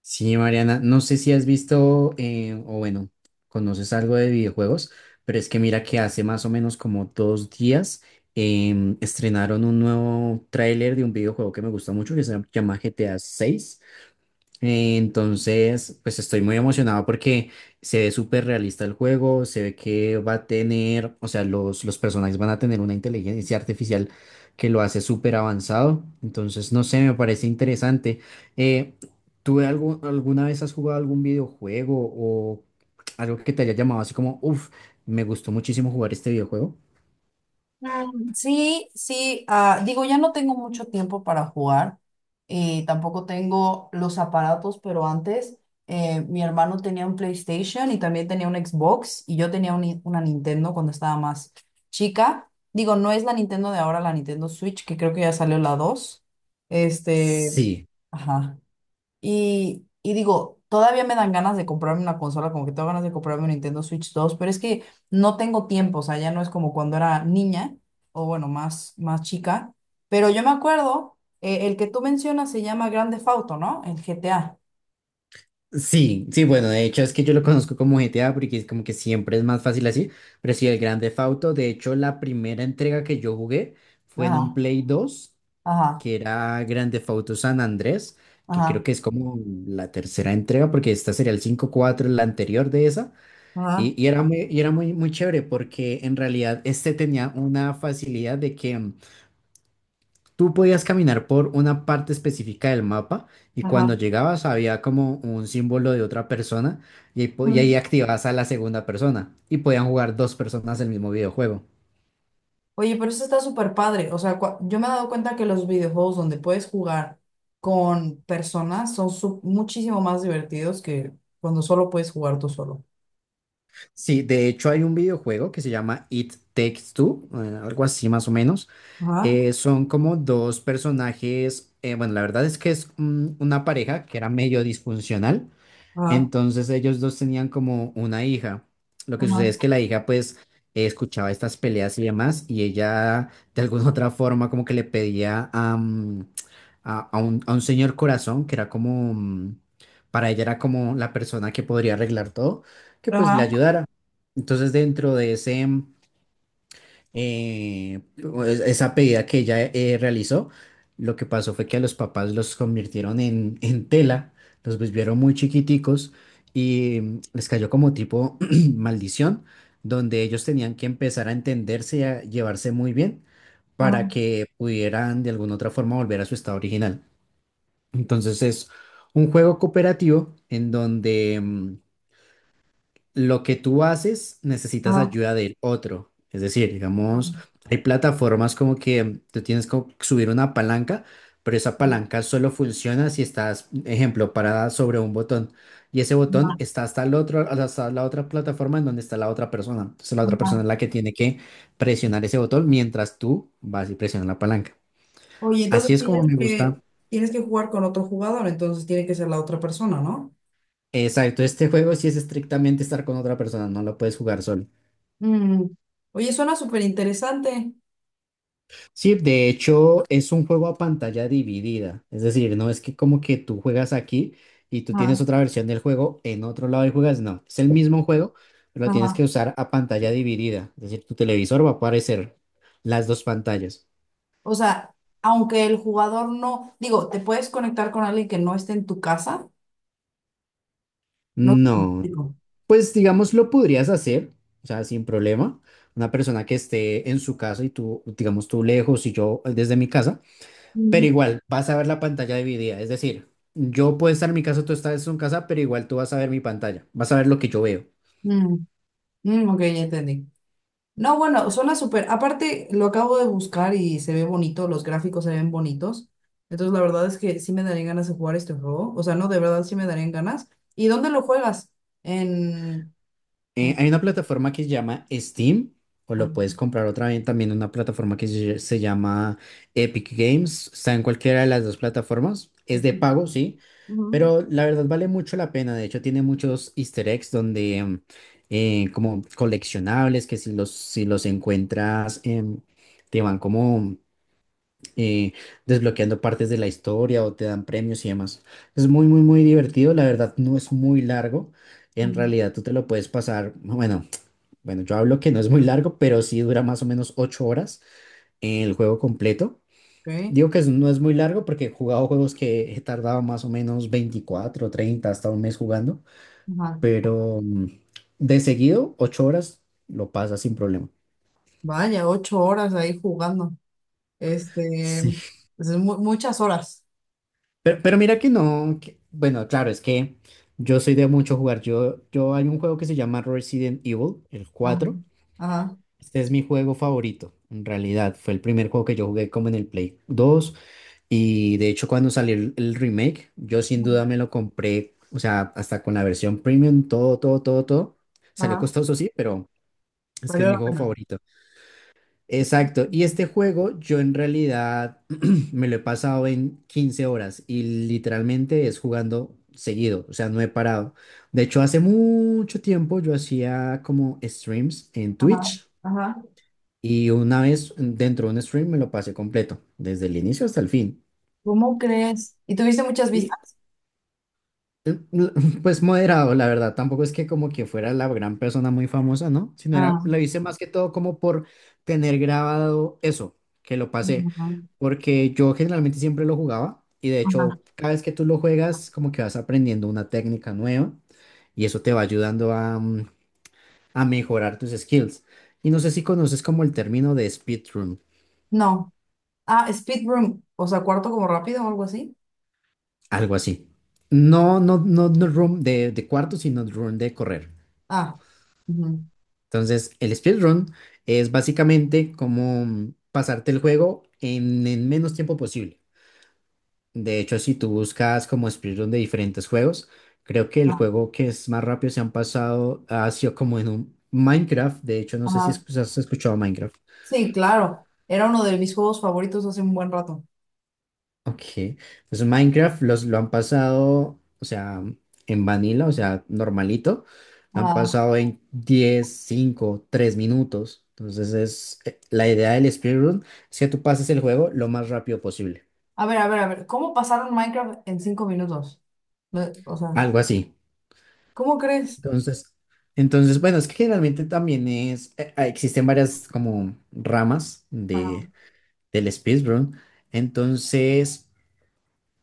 Sí, Mariana, no sé si has visto, o bueno, conoces algo de videojuegos, pero es que mira que hace más o menos como dos días, estrenaron un nuevo tráiler de un videojuego que me gusta mucho, que se llama GTA 6. Entonces, pues estoy muy emocionado porque se ve súper realista el juego. Se ve que va a tener, o sea, los personajes van a tener una inteligencia artificial que lo hace súper avanzado. Entonces, no sé, me parece interesante. Eh, Alguna vez has jugado algún videojuego o algo que te haya llamado así como, uff, me gustó muchísimo jugar este videojuego? Sí, sí, digo, ya no tengo mucho tiempo para jugar y tampoco tengo los aparatos, pero antes mi hermano tenía un PlayStation y también tenía un Xbox y yo tenía un una Nintendo cuando estaba más chica. Digo, no es la Nintendo de ahora, la Nintendo Switch, que creo que ya salió la 2. Este, Sí. ajá. Y digo, todavía me dan ganas de comprarme una consola, como que tengo ganas de comprarme un Nintendo Switch dos, pero es que no tengo tiempo, o sea, ya no es como cuando era niña, o bueno, más chica. Pero yo me acuerdo, el que tú mencionas se llama Grand Theft Auto, ¿no? El GTA. Sí, sí, bueno, de hecho es que yo lo conozco como GTA porque es como que siempre es más fácil así, pero sí, el Grand Theft Auto. De hecho, la primera entrega que yo jugué fue en un Ajá, Play dos, ajá, que era Grand Theft Auto San Andrés, que creo ajá, que es como la tercera entrega, porque esta sería el cinco, cuatro la anterior de esa. ajá, Y era muy, muy chévere porque en realidad este tenía una facilidad de que tú podías caminar por una parte específica del mapa, y cuando ajá. llegabas había como un símbolo de otra persona, y Mm. ahí activabas a la segunda persona y podían jugar dos personas el mismo videojuego. Oye, pero eso está súper padre. O sea, yo me he dado cuenta que los videojuegos donde puedes jugar con personas son muchísimo más divertidos que cuando solo puedes jugar tú solo. Sí, de hecho hay un videojuego que se llama It Takes Two, algo así más o menos. Ajá, Son como dos personajes, bueno, la verdad es que es una pareja que era medio disfuncional. ajá, Entonces, ellos dos tenían como una hija. Lo que ajá, sucede es que la hija, pues escuchaba estas peleas y demás, y ella de alguna otra forma, como que le pedía a, mm, a un señor corazón que era como, para ella, era como la persona que podría arreglar todo, que pues le ajá, ayudara. Entonces, dentro de pues, esa pedida que ella, realizó, lo que pasó fue que a los papás los convirtieron en tela, los volvieron muy chiquiticos y, les cayó como tipo maldición, donde ellos tenían que empezar a entenderse y a llevarse muy bien ajá, para que pudieran de alguna otra forma volver a su estado original. Entonces, es un juego cooperativo en donde lo que tú haces, necesitas ajá, ayuda del otro. Es decir, ajá, digamos, hay plataformas como que tú tienes que subir una palanca, pero esa palanca solo funciona si estás, ejemplo, parada sobre un botón. Y ese botón ajá, está hasta el otro, hasta la otra plataforma en donde está la otra persona. Entonces, la otra ajá. persona es la que tiene que presionar ese botón mientras tú vas y presionas la palanca. Oye, Así es como me gusta. tienes que jugar con otro jugador, entonces tiene que ser la otra persona, ¿no? Exacto, este juego sí es estrictamente estar con otra persona, no lo puedes jugar solo. Mm. Oye, suena súper interesante. Sí, de hecho es un juego a pantalla dividida. Es decir, no es que como que tú juegas aquí y tú tienes Ajá, otra versión del juego en otro lado y juegas, no, es el mismo juego, pero lo tienes ajá. que usar a pantalla dividida. Es decir, tu televisor va a aparecer las dos pantallas. O sea, aunque el jugador no, digo, te puedes conectar con alguien que no esté en tu casa, ¿no? No, Digo, pues digamos lo podrías hacer, o sea, sin problema. Una persona que esté en su casa y tú, digamos tú lejos y yo desde mi casa. Pero mm. igual, vas a ver la pantalla dividida. Es decir, yo puedo estar en mi casa, tú estás en tu casa, pero igual tú vas a ver mi pantalla. Vas a ver lo que yo veo. Mm, mm, ok, ya entendí. No, bueno, suena súper. Aparte, lo acabo de buscar y se ve bonito, los gráficos se ven bonitos. Entonces, la verdad es que sí me darían ganas de jugar este juego. O sea, no, de verdad sí me darían ganas. ¿Y dónde lo juegas? En... en... Hay una plataforma que se llama Steam, o lo ah, puedes comprar, otra vez también, una plataforma que se llama Epic Games. Está en cualquiera de las dos plataformas. Es de en-. pago, sí. Ujú, Pero la verdad vale mucho la pena. De hecho, tiene muchos easter eggs donde, como coleccionables, que si los encuentras, te van como, eh, desbloqueando partes de la historia, o te dan premios y demás. Es muy, muy, muy divertido. La verdad, no es muy largo. En ujú. realidad, tú te lo puedes pasar, bueno, bueno, yo hablo que no es muy largo, pero sí dura más o menos ocho horas el juego completo. Ok. Digo que no es muy largo porque he jugado juegos que he tardado más o menos veinticuatro, treinta, hasta un mes jugando, Ajá. pero, de seguido, ocho horas lo pasas sin problema. Vaya, ocho horas ahí jugando. Este, Sí, pues es muchas horas. pero mira que no, bueno, claro, es que yo soy de mucho jugar. Yo, hay un juego que se llama Resident Evil, el Ajá, cuatro. ajá, Este es mi juego favorito, en realidad. Fue el primer juego que yo jugué, como en el Play dos. Y de hecho, cuando salió el, remake, yo sin duda me lo compré, o sea, hasta con la versión premium, todo, todo, todo, todo. Salió ajá. costoso, sí, pero es que es Valió mi la juego pena. favorito. Exacto, y este juego yo en realidad me lo he pasado en 15 horas, y literalmente es jugando seguido, o sea, no he parado. De hecho, hace mucho tiempo yo hacía como streams en Ajá, Twitch, ajá. y una vez dentro de un stream me lo pasé completo, desde el inicio hasta el fin. ¿Cómo crees? ¿Y tuviste muchas vistas? Eh, l- Pues moderado, la verdad. Tampoco es que como que fuera la gran persona muy famosa, ¿no? Sino era, Ah, lo hice más que todo como por tener grabado eso, que lo pasé. ajá. Porque yo generalmente siempre lo jugaba, y de Ajá. hecho cada vez que tú lo juegas, como que vas aprendiendo una técnica nueva, y eso te va ayudando a mejorar tus skills. Y no sé si conoces como el término de speedrun, No. Ah, speed room. O sea, cuarto como rápido o algo así. algo así. No, no, no, no, room de, cuarto, sino room de correr. Ah, ujú. Entonces, el speedrun es básicamente como pasarte el juego en el menos tiempo posible. De hecho, si tú buscas como speedrun de diferentes juegos, creo que el Ah, juego que es más rápido se han pasado ha sido como en un Minecraft. De hecho, no sé si ajá. Has escuchado Minecraft. Sí, claro. Era uno de mis juegos favoritos hace un buen rato. Ok, pues Minecraft lo han pasado, o sea, en vanilla, o sea, normalito, lo han Ah. pasado en 10, 5, 3 minutos. Entonces la idea del speedrun es que tú pases el juego lo más rápido posible, A ver, a ver, a ver. ¿Cómo pasaron Minecraft en cinco minutos? Lo-. O sea, algo así. ¿cómo crees? Entonces, bueno, es que generalmente también existen varias como ramas de, Ajá. del speedrun. Entonces,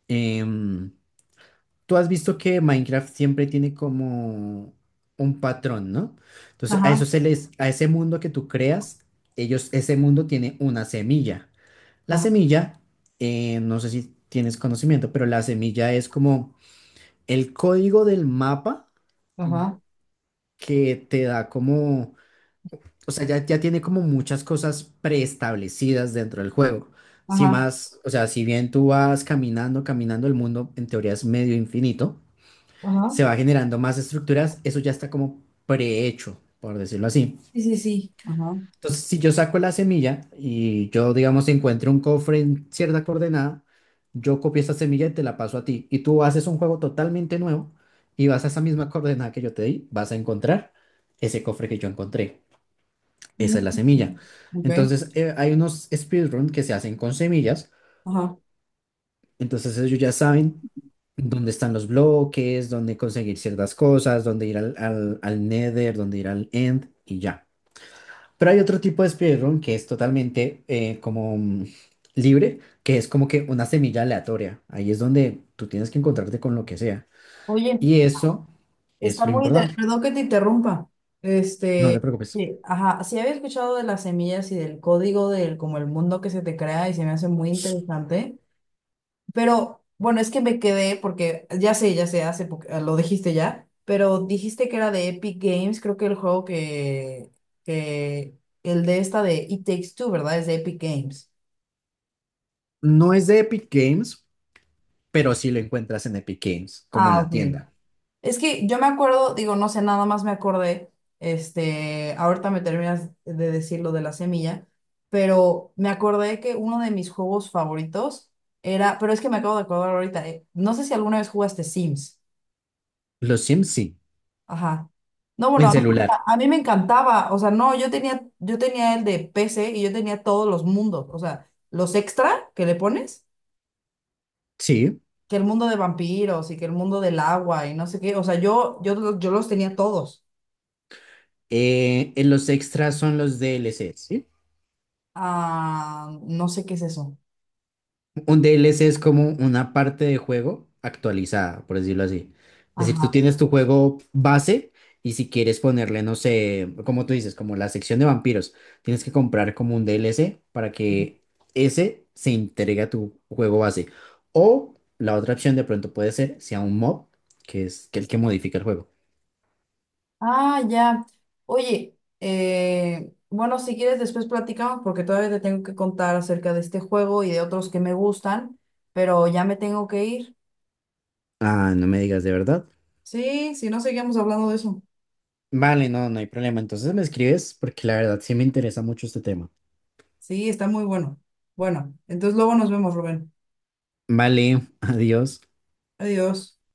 em, tú has visto que Minecraft siempre tiene como un patrón, ¿no? Entonces, a eso Ajá. se les, a ese mundo que tú creas, ese mundo tiene una semilla. La Ajá. semilla, no sé si tienes conocimiento, pero la semilla es como el código del mapa, Ajá. que te da como, o sea, ya, ya tiene como muchas cosas preestablecidas dentro del juego. Si Ajá. más, o sea, si bien tú vas caminando, caminando, el mundo en teoría es medio infinito. Ajá. Se va generando más estructuras, eso ya está como prehecho, por decirlo así. Sí, sí, sí. Ajá. Entonces, si yo saco la semilla, y yo, digamos, encuentro un cofre en cierta coordenada, yo copio esa semilla y te la paso a ti, y tú haces un juego totalmente nuevo y vas a esa misma coordenada que yo te di, vas a encontrar ese cofre que yo encontré. Mm. Esa es la semilla. Ok. Entonces, hay unos speedruns que se hacen con semillas. Ajá. Entonces, ellos ya saben dónde están los bloques, dónde conseguir ciertas cosas, dónde ir al, al, Nether, dónde ir al End y ya. Pero hay otro tipo de speedrun que es totalmente, como, libre, que es como que una semilla aleatoria. Ahí es donde tú tienes que encontrarte con lo que sea. Oye, Y eso es está lo muy importante. interesante, perdón que te interrumpa. No te Este, preocupes. sí, ajá, sí había escuchado de las semillas y del código del como el mundo que se te crea y se me hace muy interesante, pero bueno, es que me quedé porque ya sé, hace lo dijiste ya, pero dijiste que era de Epic Games, creo que el juego que el de esta de It Takes Two, ¿verdad? Es de Epic Games. No es de Epic Games, pero sí lo encuentras en Epic Games, como en Ah, la ok. tienda. Es que yo me acuerdo, digo, no sé, nada más me acordé, este, ahorita me terminas de decir lo de la semilla, pero me acordé que uno de mis juegos favoritos era, pero es que me acabo de acordar ahorita, no sé si alguna vez jugaste Sims, Los Sims sí, ajá. No, bueno, en celular. a mí me encantaba, o sea, no, yo tenía el de PC y yo tenía todos los mundos, o sea, los extra que le pones, Sí. que el mundo de vampiros y que el mundo del agua y no sé qué, o sea, yo los tenía todos. En los extras son los DLC. Ah, no sé qué es eso. Un DLC es como una parte de juego actualizada, por decirlo así. Es decir, tú Ajá. tienes tu juego base, y si quieres ponerle, no sé, como tú dices, como la sección de vampiros, tienes que comprar como un DLC para que ese se integre a tu juego base. O la otra opción de pronto puede ser, sea un mod, que es que el que modifica el juego. Ah, ya. Oye, bueno, si quieres después platicamos porque todavía te tengo que contar acerca de este juego y de otros que me gustan, pero ya me tengo que ir. Ah, no me digas, de verdad. Sí, si no, seguimos hablando de eso. Vale, no, no hay problema. Entonces me escribes porque la verdad sí me interesa mucho este tema. Sí, está muy bueno. Bueno, entonces luego nos vemos, Rubén. Vale, adiós. Adiós.